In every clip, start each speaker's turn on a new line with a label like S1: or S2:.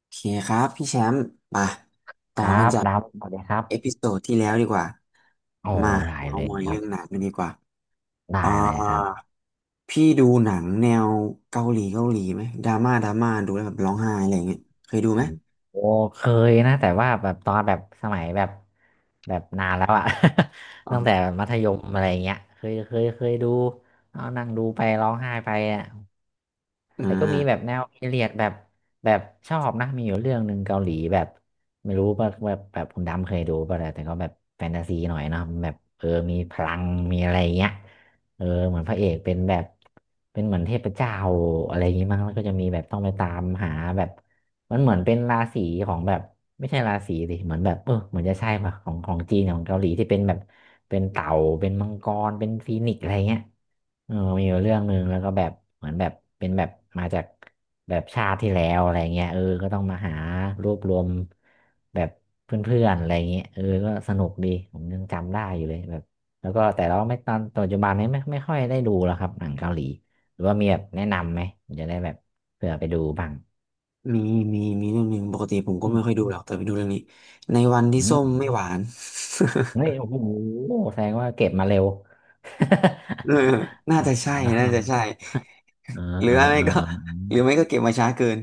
S1: โอเคครับพี่แชมป์มาต่
S2: ค
S1: อ
S2: รั
S1: กัน
S2: บ
S1: จาก
S2: ดำสวัสดีครั
S1: เอพิ
S2: บ
S1: โซดที่แล้วดีกว่า
S2: โอ้
S1: มา
S2: ได้
S1: เอา
S2: เลย
S1: มอย
S2: ครั
S1: เรื่
S2: บ
S1: องหนังกันดีกว่าอ่า
S2: ได้เลยครับ
S1: พี่ดูหนังแนวเกาหลีเกาหลีไหมดราม่าดราม่าดูแล้วแบบร้องไห้อะไรอย่างเงี้ยเคยดู
S2: อื
S1: ไหม
S2: มโอ้เคยนะแต่ว่าแบบตอนแบบสมัยแบบแบบนานแล้วอะ
S1: อ๋ อ
S2: ตั้งแต่มัธยมอะไรเงี้ยเคยดูเอานั่งดูไปร้องไห้ไปอ่ะ
S1: อ่
S2: แต่ก็มีแบบ
S1: า
S2: แนวพีเรียดแบบแบบชอบนะมีอยู่เรื่องหนึ่งเกาหลีแบบไม่รู้ว่าแบบแบบคุณดำเคยดูป่ะแต่ก็แบบแฟนตาซีหน่อยเนาะแบบเออมีพลังมีอะไรอย่างเงี้ยเออเหมือนพระเอกเป็นแบบเป็นเหมือนเทพเจ้าอะไรอย่างงี้มั้งแล้วก็จะมีแบบต้องไปตามหาแบบมันเหมือนเป็นราศีของแบบไม่ใช่ราศีดิเหมือนแบบเออเหมือนจะใช่ป่ะของของจีนของเกาหลีที่เป็นแบบเป็นเต่าเป็นมังกรเป็นฟีนิกซ์อะไรเงี้ย เออมีอยู่เรื่องหนึ่งแล้วก็แบบเหมือนแบบเป็นแบบมาจากแบบชาติที่แล้วอะไรเงี้ยเออก็ต้องมาหารวบรวมแบบเพื่อนๆอะไรเงี้ยเออก็สนุกดีผมยังจำได้อยู่เลยแบบแล้วก็แต่เราไม่ตอนปัจจุบันนี้ไม่ค่อยได้ดูแล้วครับหนังเกาหลีหรือว่ามีแบบแนะนำไหมผมจะได้แบบเผื่อไปดูบ้าง
S1: มีมีเรื่องหนึ่งปกติผมก็
S2: อื
S1: ไม่
S2: ม
S1: ค่อยดูหรอกแต่ไปดูเรื่องนี้ในวันที่
S2: อื
S1: ส้ม
S2: ม
S1: ไม่หวาน
S2: เฮ้ยโอ้โหแสดงว่าเก็บมาเร็ว
S1: เออ น่า
S2: อ๋
S1: จะ
S2: อ
S1: ใช่น่าจะใช่
S2: เออ
S1: หรือ
S2: เออ
S1: ไม่
S2: เออ
S1: ก็
S2: เออเอ
S1: หรือไม่
S2: อ
S1: ก็เก็บมาช้าเกิน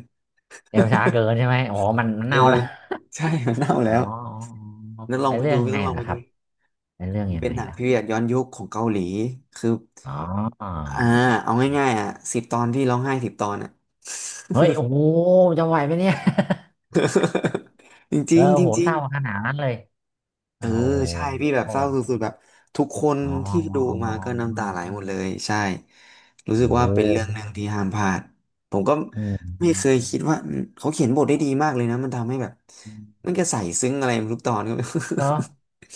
S2: เร็วช้าเกินใช่ไหมอ๋อมัน
S1: เออ
S2: เน่าแล้ว
S1: ใช่ มันเน่า
S2: อ๋
S1: แล้ว
S2: อ
S1: แล้วลอง
S2: เป็น
S1: ไป
S2: เรื่
S1: ดู
S2: อง
S1: พี่
S2: ไง
S1: ต้องลอง
S2: ล่ะ
S1: ไป
S2: ค
S1: ดู
S2: รับเป็นเรื่องยัง
S1: เป็น
S2: ไง
S1: หนัง
S2: ล่ะ
S1: พีเรียดย้อนยุคของเกาหลี คือ
S2: อ๋อ
S1: อ่าเอาง่ายๆอ่ะสิบตอนพี่ร้องไห้สิบตอนอ่ะ
S2: เฮ้ยโอ้โหจะไหวไหมเนี่ย
S1: จ
S2: เอ
S1: ริ
S2: อ
S1: งๆ
S2: โอ้โห
S1: จริ
S2: เศ
S1: ง
S2: ร้าขนาดนั้นเลย
S1: ๆเอ
S2: โอ้
S1: อ
S2: โห
S1: ใช่พี่แบบ
S2: อ๋อ
S1: เศร้าสุดๆแบบทุกคน
S2: อ๋อ
S1: ที่ดูมา
S2: อ๋
S1: ก็น้ำตาไหล
S2: อ
S1: หมดเลยใช่ รู้สึก
S2: โอ้โ
S1: ว่าเป็นเรื่องห
S2: ห
S1: นึ่งที่ห้ามพลาดผมก็
S2: อื
S1: ไม่เคย
S2: ม
S1: คิดว่าอืมเขาเขียนบทได้ดีมากเลยนะมันทำให้แบบมันก็ใส่ซึ้งอะไรทุกตอนก็ไม่
S2: เนาะ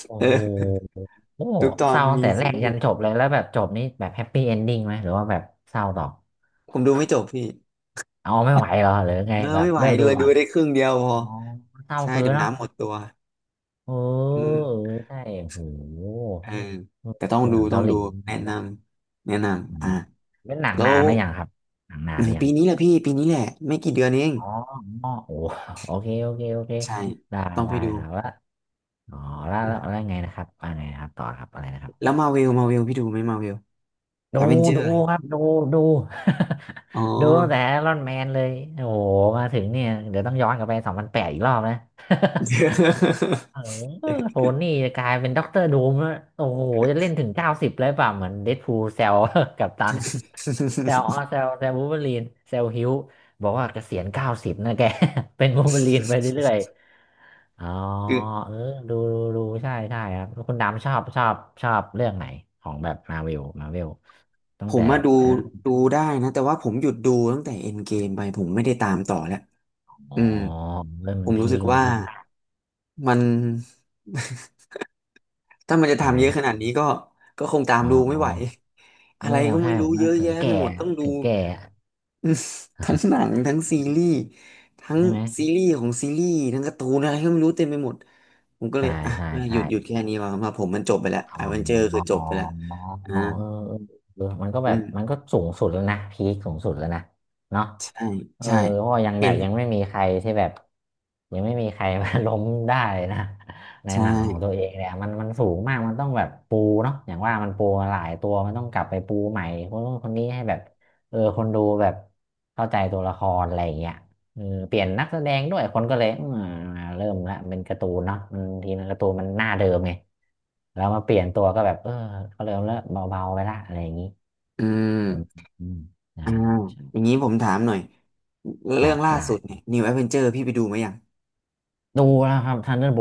S2: โอ้
S1: เอ
S2: โห
S1: อ
S2: โอ้
S1: ทุกตอ
S2: เศ
S1: น
S2: ร้าตั้ง
S1: มี
S2: แต่แร
S1: ซึ้ง
S2: ก
S1: หม
S2: ยัน
S1: ด
S2: จบเลยแล้วแบบจบนี้แบบแฮปปี้เอนดิ้งไหมหรือว่าแบบเศร้าต่อ
S1: ผมดูไม่จบพี่
S2: เอาไม่ไหวเหรอหรือไง
S1: เออ
S2: แบบ
S1: ไม่ไหว
S2: เลิก
S1: เล
S2: ดู
S1: ย
S2: ก่
S1: ดู
S2: อน
S1: ได้ครึ่งเดียวพอ
S2: อ๋อเศร้า
S1: ใช่
S2: เกิ
S1: เดี๋
S2: น
S1: ยว
S2: เนาะ
S1: น้ำหมดตัว
S2: เออ
S1: อืม
S2: เออใช่โห
S1: เออ
S2: เออ
S1: แต่ต้อง
S2: ห
S1: ดู
S2: นัง
S1: ต้อ
S2: เกา
S1: ง
S2: ห
S1: ดู
S2: ลี
S1: แนะน
S2: เนาะ
S1: ำแนะ
S2: อื
S1: นำอ่ะ
S2: มเป็นหนัง
S1: แล้
S2: นา
S1: ว
S2: นหรือยังครับหนังนาน
S1: อื
S2: ห
S1: ม
S2: รื อยั
S1: ปี
S2: ง
S1: นี้แหละพี่ปีนี้แหละไม่กี่เดือนเอง
S2: อ๋ออ๋อโอ้โอเค
S1: ใช่
S2: ได้
S1: ต้องไป
S2: ได้
S1: ดู
S2: ครับแล้ว่าอ๋อแล้วแล้ว
S1: อ่ะ
S2: แล้วไงนะครับว่าไงนะครับต่อครับอะไรนะครั
S1: แล้ว
S2: บ
S1: มาเวลมาเวลพี่ดูไหมมาเวล
S2: ดู
S1: แอเวนเจอ
S2: ดู
S1: ร์
S2: ครับ ดู ดู
S1: อ๋อ
S2: ดูตั้งแต่รอนแมนเลย โอ้โหมาถึงเนี่ย เดี๋ยวต้องย้อนกลับไป2008อีกรอบนะ เออโทนี่จะกลายเป็นด็อกเตอร์ดูมแล้วโอ้โหจะเล่นถึงเก้าสิบเลยป่ะเหมือนเดดพูลเซล กับตัน แซวอ๋อ แซววูล์ฟเวอรีนแซวฮิวบอกว่าเกษียณเก้าสิบนะแก เป็นวูล์ฟเวอรีนไปเรื่อยๆอ๋อ
S1: คือ
S2: เออดูดูใช่ครับแล้วคุณดำชอบเรื่องไหน ของแบบมาเวลมาเวลตั้
S1: ผ
S2: งแต่
S1: มมา
S2: แบบ
S1: ดู
S2: อ่ะ
S1: ดูได้นะแต่ว่าผมหยุดดูตั้งแต่เอ็นเกมไปผมไม่ได้ตามต่อแล้ว
S2: อ๋อ
S1: อืม
S2: เริ่ม
S1: ผ
S2: มัน
S1: มรู้
S2: พี
S1: สึ
S2: ค
S1: ก
S2: มัน
S1: ว่า
S2: พีค
S1: มันถ้ามันจะ
S2: ใช่
S1: ทำเยอะขนา
S2: ใช่
S1: ดนี้ก็ก็คงตาม
S2: อ๋อ
S1: ดู
S2: อ๋
S1: ไม่
S2: อ
S1: ไหว อะ
S2: โอ้
S1: ไรก็
S2: ใช่
S1: ไม่
S2: ผ
S1: รู้
S2: ม
S1: เย
S2: ว่า
S1: อะ
S2: ถึ
S1: แยะ
S2: ง
S1: ไป
S2: แก่
S1: หมดต้องดู
S2: ถึงแก่
S1: อืมทั้งหนังทั้งซี รีส์ทั้ง
S2: ใช่ไหม
S1: ซีรีส์ของซีรีส์ทั้งการ์ตูนอะไรก็ไม่รู้เต็มไปหมดผมก็เล
S2: ใช่
S1: ยอ่ะ
S2: ใช่
S1: หยุ
S2: ใช่
S1: ดหยุดแค่นี้ว่ามาผมมันจบไปแล้ว
S2: อ๋อ
S1: อเวนเจอร์คือจ
S2: อ
S1: บไปแล้ว
S2: ๋
S1: อ่า
S2: อเออมันก็แบ
S1: อื
S2: บมัน
S1: ม
S2: ก็สูงสุดแล้วนะ พีคสูงสุดแล้วนะเนาะ
S1: ใช่
S2: เออ
S1: ใช่
S2: เพราะว่ายัง
S1: เห็
S2: แบบ
S1: น
S2: ยังไม่มีใครที่แบบยังไม่มีใครมา ล้มได้นะใน
S1: ใช่
S2: หนังของตัวเองเนี่ยมันสูงมาก มันต้องแบบปูเนาะอย่างว่ามันปูมาหลายตัว มันต้องกลับไปปูใหม่ คนนู้นคนนี้ให้แบบเออคนดูแบบเข้าใจตัวละครอะไรอย่างเงี้ย เออเปลี่ยนนักแสดงด้วยคนก็เลยอืมเริ่มละเป็นการ์ตูนเนาะมันทีนั้นการ์ตูนมันหน้าเดิมไงแล้วมาเปลี่ยนตัวก็แบบเออก็เริ่มแล้วเบาๆไปละอะไรอย่างนี้
S1: อื
S2: อืม
S1: ม
S2: อืมได้
S1: อ่า
S2: ใช่
S1: อย่างนี้ผมถามหน่อย
S2: ค
S1: เรื่
S2: รั
S1: อ
S2: บ
S1: งล่าสุด
S2: ได้
S1: เนี่ย New Avenger พี่ไปดูไหมยัง
S2: ดูแล้วครับทันเดอร์โบ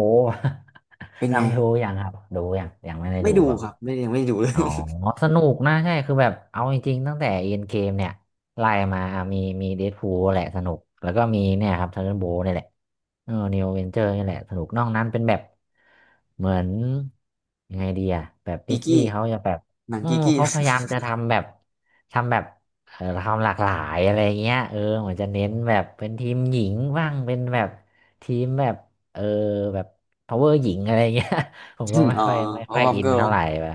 S1: เป็น ไง
S2: นำดูอย่างครับดูอย่างยังไม่ได้
S1: ไม่
S2: ดู
S1: ดู
S2: เปล่า
S1: ครับไม่ยังไม่ดูเลย
S2: อ๋อสนุกนะใช่คือแบบเอาจริงๆตั้งแต่เอ็นเกมเนี่ยไล่มามีเดดพูลแหละสนุกแล้วก็มีเนี่ยครับทันเดอร์โบนี่แหละเออนิวเวนเจอร์นี่แหละสนุกนอกนั้นเป็นแบบเหมือนยังไงดีอะแบบ ดิ
S1: กี
S2: สนี
S1: กี้
S2: ย์เขาจะแบบ
S1: หนัง
S2: อื
S1: กี
S2: ม
S1: กี้
S2: เขาพยายามจะทำแบบเออทำหลากหลายอะไรเงี้ยเออเหมือนจะเน้นแบบเป็นทีมหญิงบ้างเป็นแบบทีมแบบเออแบบพาวเวอร์หญิงอะไรเงี้ย ผมก็ ไม่
S1: อ๋อ
S2: ค่อยไม่ค่อย
S1: Powerpuff
S2: อิน
S1: Girl
S2: เท่าไหร่ไป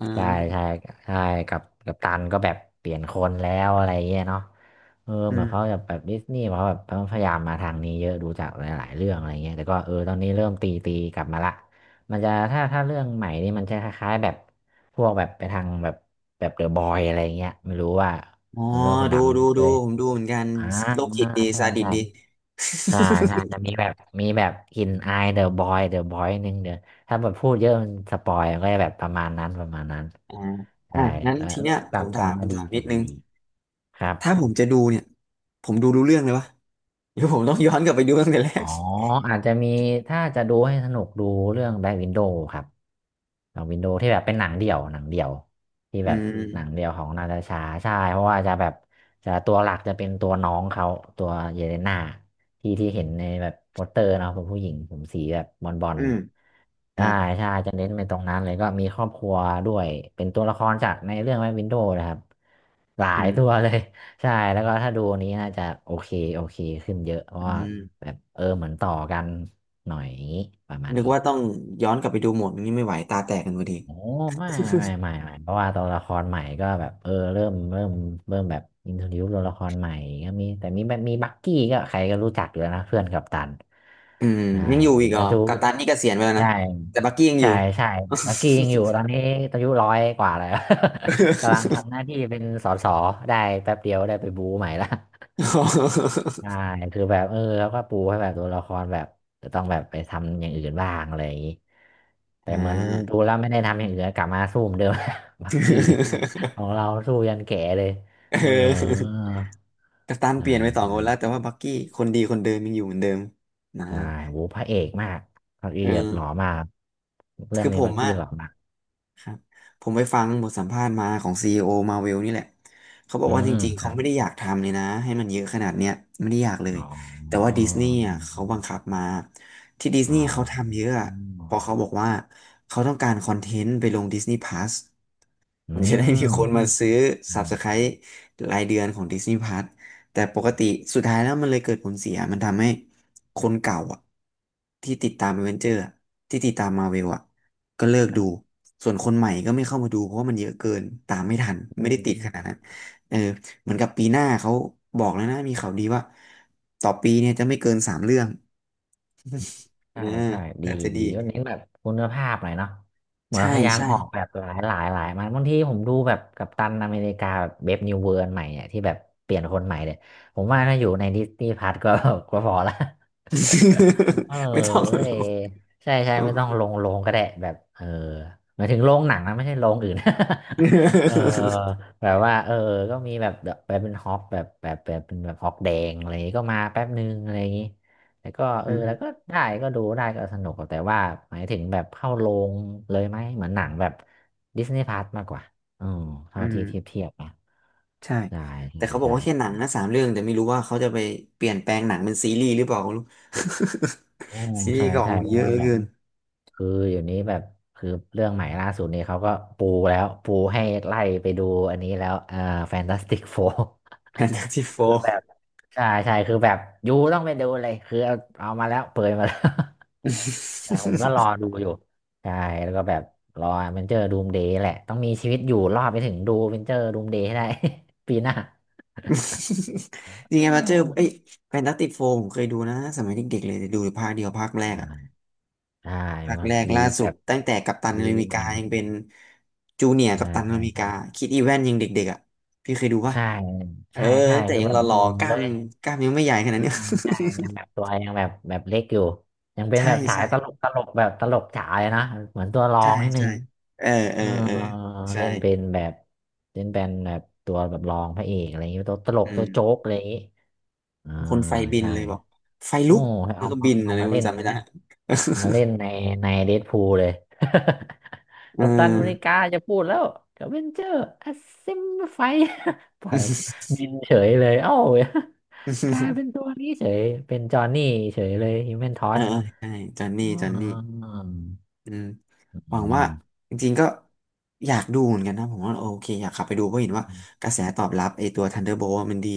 S1: อ่
S2: ใช่
S1: า
S2: ใช่ใช่กับตันก็แบบเปลี่ยนคนแล้วอะไรเงี้ยเนาะเออ
S1: อื
S2: เหมือนเขา
S1: ม
S2: จะแบบดิสนีย์เขาแบบพยายามมาทางนี้เยอะดูจากหลายๆเรื่องอะไรเงี้ยแต่ก็เออตอนนี้เริ่มตีกลับมาละมันจะถ้าเรื่องใหม่นี่มันจะคล้ายๆแบบพวกแบบไปทางแบบแบบเดอะบอยอะไรเงี้ยไม่รู้ว่า
S1: อ๋อ
S2: ไม่รู้ว่าคุณ
S1: ดูดู
S2: ดำเค
S1: ดู
S2: ย
S1: ผมดูเหมือนกัน
S2: อ่า
S1: โรคจิ
S2: อ่า
S1: ตดี
S2: ใช่
S1: ซาดิส
S2: ใช่
S1: ดี
S2: ใช่ใช่จะ มีแบบมีแบบกลิ่นอายเดอะบอยนึงเดี๋ยวถ้าแบบพูดเยอะมันสปอยก็จะแบบประมาณนั้น
S1: อ่า
S2: ใช่
S1: อ่ะงั้น
S2: เออ
S1: ที
S2: เออ
S1: เนี้ย
S2: ก
S1: ผ
S2: ลับ
S1: ม
S2: ก
S1: ถา
S2: ลับ
S1: ม
S2: มาดี
S1: ถาม
S2: ก
S1: นิ
S2: ลั
S1: ด
S2: บ
S1: นึ
S2: มา
S1: ง
S2: ดีครับ
S1: ถ้าผมจะดูเนี่ยผมดูรู้เรื่องเลยวะเดี๋ยวผมต้องย้อนกลับไปดูตั้งแต่แร
S2: อ๋อ
S1: ก
S2: อาจจะมีถ้าจะดูให้สนุกดูเรื่องแบล็ w วินโด w ครับหนังวินโด w ที่แบบเป็นหนังเดี่ยวที่
S1: อื
S2: แบบหนัง
S1: ม
S2: เดี่ยวของนาตาชาใช่เพราะว่าจะแบบจะตัวหลักจะเป็นตัวน้องเขาตัวเยเลนาที่ที่เห็นในแบบโปสเตอร์เนาะเป็นผู้หญิงผมสีแบบบอล
S1: อืมครับ
S2: จะเน้นไปตรงนั้นเลยก็มีครอบครัวด้วยเป็นตัวละครจากในเรื่องแม่วินโดว์นะครับหลา
S1: อื
S2: ยตัว
S1: ม
S2: เลย ใช่แล้วก็ถ้าดูอันนี้น่าจะโอเคโอเคขึ้นเยอะเพราะ
S1: อื
S2: ว่าแบ
S1: ม
S2: บเออเหมือนต่อกันหน่อยอย่างนี้ประมาณ
S1: นึก
S2: นี้
S1: ว่าต้องย้อนกลับไปดูหมดนี้ไม่ไหวตาแตกกันพอดี
S2: โอ้ไม่ไม่เพราะว่าตัวละครใหม่ก็แบบเออเริ่มแบบอินโทรดิวตัวละครใหม่ก็มีแบบมีบักกี้ก็ใครก็รู้จักอยู่แล้วนะเพื่อนกัปตัน
S1: อืม
S2: ใช่
S1: ยังอยู่อีกเหร
S2: แล้
S1: อ
S2: วดู
S1: กัปตันนี่เกษียณไปแล้วนะ
S2: ใช่
S1: แต่บักกี้ยังอ
S2: ใช่
S1: ยู่
S2: ใช่บักกี้ยังอยู่ตอนนี้อายุร้อยกว่าแล้ว กำลังทำหน้าที่เป็นสสได้แป๊บเดียวได้ไปบู๊ใหม่ละ ใช่คือแบบเออแล้วก็ปูให้แบบตัวละครแบบจะต้องแบบไปทำอย่างอื่นบ้างอะไรอย่างนี้ แต่
S1: อ่า
S2: เหมือนดูแล้วไม่ได้ทำอย่างอื่นกลับมาสู้เหมือนเดิม บักกี้ ของเราสู้ยันแก่เลย
S1: เอ
S2: เออ
S1: อกัปตัน
S2: ใช่
S1: เปลี่ยนไปสอง
S2: ใช่
S1: คนแล้วแต่ว่าบักกี้คนดีคนเดิมยังอยู่เหมือนเดิมนะ
S2: ใช่โหพระเอกมากบักกี้
S1: เออ
S2: แบบหล่อมากเรื่อ
S1: คื
S2: ง
S1: อ
S2: นี้
S1: ผ
S2: บั
S1: ม
S2: กกี้
S1: อะ
S2: หล่อมาก
S1: ครับผมไปฟังบทสัมภาษณ์มาของ CEO Marvel นี่แหละเขาบอก
S2: อื
S1: ว่าจ
S2: ม
S1: ริงๆ
S2: ค
S1: เขา
S2: รับ
S1: ไม่ได้อยากทำเลยนะให้มันเยอะขนาดเนี้ยไม่ได้อยากเลย
S2: อ๋อ
S1: แต่ว่า
S2: อ๋อ
S1: ดิสนีย์อ่ะเขาบังคับมาที่ดิส
S2: อ๋อ
S1: นีย์เขาทำเยอะอะ
S2: อืม
S1: เพราะเขาบอกว่าเขาต้องการคอนเทนต์ไปลง Disney Plus มันจะได้มีคนมาซื้อ
S2: อ
S1: Subscribe รายเดือนของ Disney Plus แต่ปกติสุดท้ายแล้วมันเลยเกิดผลเสียมันทำให้คนเก่าอ่ะที่ติดตาม a v e n เจอร์ที่ติดตามมาเวลอ่ะ ก็เลิกดู ส่วนคนใหม่ก็ไม่เข้ามาดูเพราะว่ามันเยอะเกินตามไม่ทัน
S2: ื
S1: ไม่ได้ติด
S2: ม
S1: ขนาดนั้นเออเหมือนกับปีหน้าเขาบอกแล้วนะมีข่าวดีว่าต่อปีเนี่ยจะไม่เกินสามเรื่องเออ
S2: ใช่ใช่ดี
S1: อาจจะ
S2: ดี
S1: ดี
S2: ก็เน้นแบบคุณภาพหน่อยเนาะเหมือน
S1: ใช่
S2: พยายาม
S1: ใช่
S2: ออกแบบหลายมันบางทีผมดูแบบกัปตันอเมริกาแบบเบฟนิวเวิร์นใหม่เนี่ยที่แบบเปลี่ยนคนใหม่เนี่ยผมว่าถ้าอยู่ในดิสนีย์พัทก็ ก็พอละ เออ
S1: ไม่ต้องหร
S2: เอ
S1: อ
S2: ใช่ใช่
S1: อ๋
S2: ไม่ต้อง
S1: อ
S2: ลงก็ได้แบบเออหมายถึงโรงหนังนะไม่ใช่โรงอื่น เออแบบว่าเออก็มีแบบเป็นฮอปแบบเป็นแบบฮอปแดงอะไรอย่างงี้ก็มาแป๊บนึงอะไรอย่างงี้แล้วก็เอ
S1: อื
S2: อแล้ว
S1: ม
S2: ก็ได้ก็ดูได้ก็สนุกแต่ว่าหมายถึงแบบเข้าโรงเลยไหมเหมือนหนังแบบดิสนีย์พาร์มากกว่าอืม
S1: อื
S2: เท่า
S1: ม
S2: ที่เทียบนะ
S1: ใช่
S2: ใช่
S1: แต่
S2: ใช่
S1: เขาบอก
S2: ใช่
S1: ว่าแค่หนังนะสามเรื่องแต่ไม่รู้ว่าเขาจะไปเปลี่ยนแปลงหนังเป็นซีรีส์หรือเปล่าไม่รู้
S2: อืม
S1: ซีรี
S2: ใช่
S1: ส์ก็อ
S2: ใช่
S1: อก
S2: เพ
S1: เย
S2: ราะ
S1: อะ
S2: ว่า
S1: เหลือ
S2: แบบ
S1: เกิน
S2: คืออยู่นี้แบบคือเรื่องใหม่ล่าสุดนี้เขาก็ปูแล้วปูให้ไล่ไปดูอันนี้แล้วอ่าแฟนตาสติกโฟร์
S1: แฟนตาซีโฟ
S2: คือ
S1: ร์
S2: แบบใช่คือแบบยูต้องไปดูเลยคือเอาเอามาแล้วเปิดมาแล้ว แต่ผมก็รอดูอยู่ใช่แล้วก็แบบรอเวนเจอร์ดูมเดย์แหละต้องมีชีวิตอยู่รอดไปถึงดูเวนเจอร์ดูมเดย์ให้ได้ ปีหน้า
S1: ยัง
S2: เ
S1: ไงมาเจอเอ้ย
S2: ออ
S1: แฟนตาติกโฟผมเคยดูนะสมัยเด็กๆเลยแต่ดูภาคเดียวภาคแรกอะ
S2: ใช่
S1: ภาค
S2: มา
S1: แรก
S2: รี
S1: ล่าสุ
S2: แบ
S1: ด
S2: บ
S1: ตั้งแต่กัปตันอ
S2: รี
S1: เมริ
S2: ให
S1: กา
S2: ม่
S1: ยังเป็นจูเนียร์
S2: ใช่
S1: กัปตัน
S2: ใช
S1: อเมริกา
S2: ่
S1: คิดอีแวนยังเด็กๆอ่ะพี่เคยดูปะ
S2: ใช่
S1: เออ
S2: ใช่
S1: แต่
S2: คือ
S1: ยัง
S2: แบ
S1: ห
S2: บห
S1: ล่อ
S2: นุ่ม
S1: ๆกล้า
S2: เล
S1: ม
S2: ย
S1: กล้ามยังไม่ใหญ่ขนาด
S2: อ่า
S1: เนี้ย
S2: ไม่ได้ยังแบบตัวยังแบบแบบเล็กอยู่ยังเป็ นแบ
S1: ใช่
S2: บสาย
S1: ใช่
S2: ตลกแบบตลกจ๋าเลยนะเหมือนตัวรอ
S1: ใช่
S2: งนิดนึ
S1: ใช่
S2: ง
S1: เออเอ
S2: เอ
S1: อ
S2: อ
S1: เออใช่
S2: เล่นเป็นแบบเล่นเป็นแบบตัวแบบรองพระเอกอะไรอย่างเงี้ยตัวตลก
S1: อื
S2: ตัวโจ๊ก
S1: ม
S2: อะไรอย่างงี้อ่า
S1: คนไฟบิน
S2: ใช่
S1: เลยบอกไฟ
S2: โอ้
S1: ลุก
S2: ให้
S1: แล้ว
S2: เอา
S1: ก็บิน
S2: เอา
S1: อะไร
S2: มาเล่
S1: มัน
S2: น
S1: จำไม่ได้
S2: เอามาเล่นในในเดดพูลเลย
S1: เอ
S2: กัปตันอเมริ
S1: อ
S2: กาจะพูดแล้วกัป เวนเจอร์อัสซิมไฟ ปล่อยบินเฉยเลยเอ้า กลายเป็นตัวนี้เฉยเป็นจอห์นนี่เฉยเลยฮิวแมนทอ
S1: เออ
S2: ส
S1: เออใช่จอนนี่
S2: อ๋
S1: จอนนี่
S2: อ
S1: อืมหวั
S2: อื
S1: งว่า
S2: ม
S1: จริงๆก็อยากดูเหมือนกันนะผมว่าโอเคอยากกลับไปดูเพราะเห็นว่ากระแสตอบรับไอตัว Thunderbolt มันดี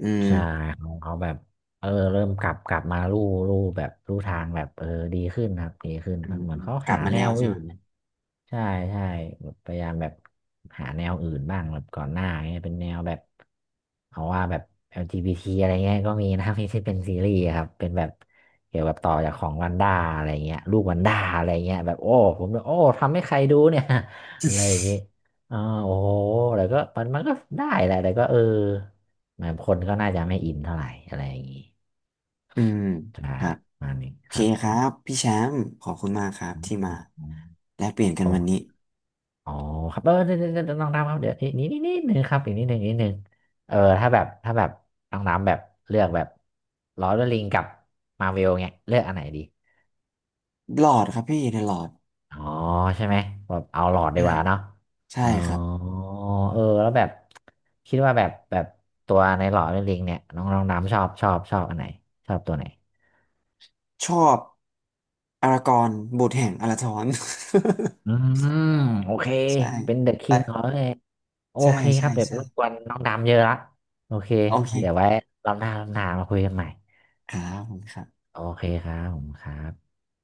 S1: อืม
S2: ใช่เขาแบบเออเริ่มกลับมาลู่แบบลู่ทางแบบเออดีขึ้นครับดีขึ้น
S1: อืม
S2: เหมือนเขา
S1: กลั
S2: หา
S1: บมา
S2: แน
S1: แล้ว
S2: ว
S1: ใช่
S2: อื่
S1: ไหม
S2: น ใช่ใช่แบบพยายามแบบหาแนวอื่นบ้างแบบก่อนหน้าเงี้ยเป็นแนวแบบเอาว่าแบบ LGBT อลจีบีทีอะไรเงี้ยก็มีนะ ที่ที่เป็นซีรีส์ครับเป็นแบบเกี่ยวกับต่อจากของวันด้าอะไรเงี้ยลูกวันด้าอะไรเงี้ยแบบโอ้ผมแบบโอ้ทำให้ใครดูเนี่ย อะไรอย่างงี้อ๋อโอ้โหแต่ก็มันก็ได้แหละแต่ก็เออเหมือนคนก็น่าจะไม่อินเท่าไหร่อะไรอย่างงี้
S1: อืม
S2: ใช่
S1: ครับ
S2: ประมาณนี้
S1: โอเค
S2: ครับ
S1: ครับพี่แชมป์ขอบคุณมากครับ
S2: อื
S1: ที่มา
S2: ม
S1: แลกเปลี่ยนกัน
S2: โอ้
S1: วันนี้
S2: อ๋อครับเออเนี่ยน้องน้ำครับเดี๋ยวนี่นิดนึงครับอีกนิดนึงนิดนึงเออถ้าแบบน้องน้ำแบบเลือกแบบลอร์ดลิงกับมาเวลเงี้ยเลือกอันไหนดี
S1: หลอดครับพี่ในหลอด
S2: อ๋อใช่ไหมแบบเอาหลอด
S1: อื
S2: ดีก
S1: ม
S2: ว่าเนาะ
S1: ใช่
S2: อ๋อ
S1: ครับ
S2: เออแล้วแบบคิดว่าแบบตัวในหลอด์ดลิงเนี่ยน้องน้องน้ำชอบอันไหนชอบตัวไหน
S1: ชอบอารากอนบุตรแห่งอาราธอน
S2: อืมโอเค
S1: ใช่
S2: เป็นเดอะคิงของ
S1: ใช่
S2: เลยโอ
S1: ใช่
S2: เคค
S1: ใช่
S2: รับเดี๋ยว
S1: ใช่
S2: รบกวนน้องดำเยอะละโอเค
S1: โอเค
S2: เดี๋ยวไว้รอบหน้ามาคุยกันใหม่
S1: ขอบคุณครับ
S2: โอเคครับผมครับ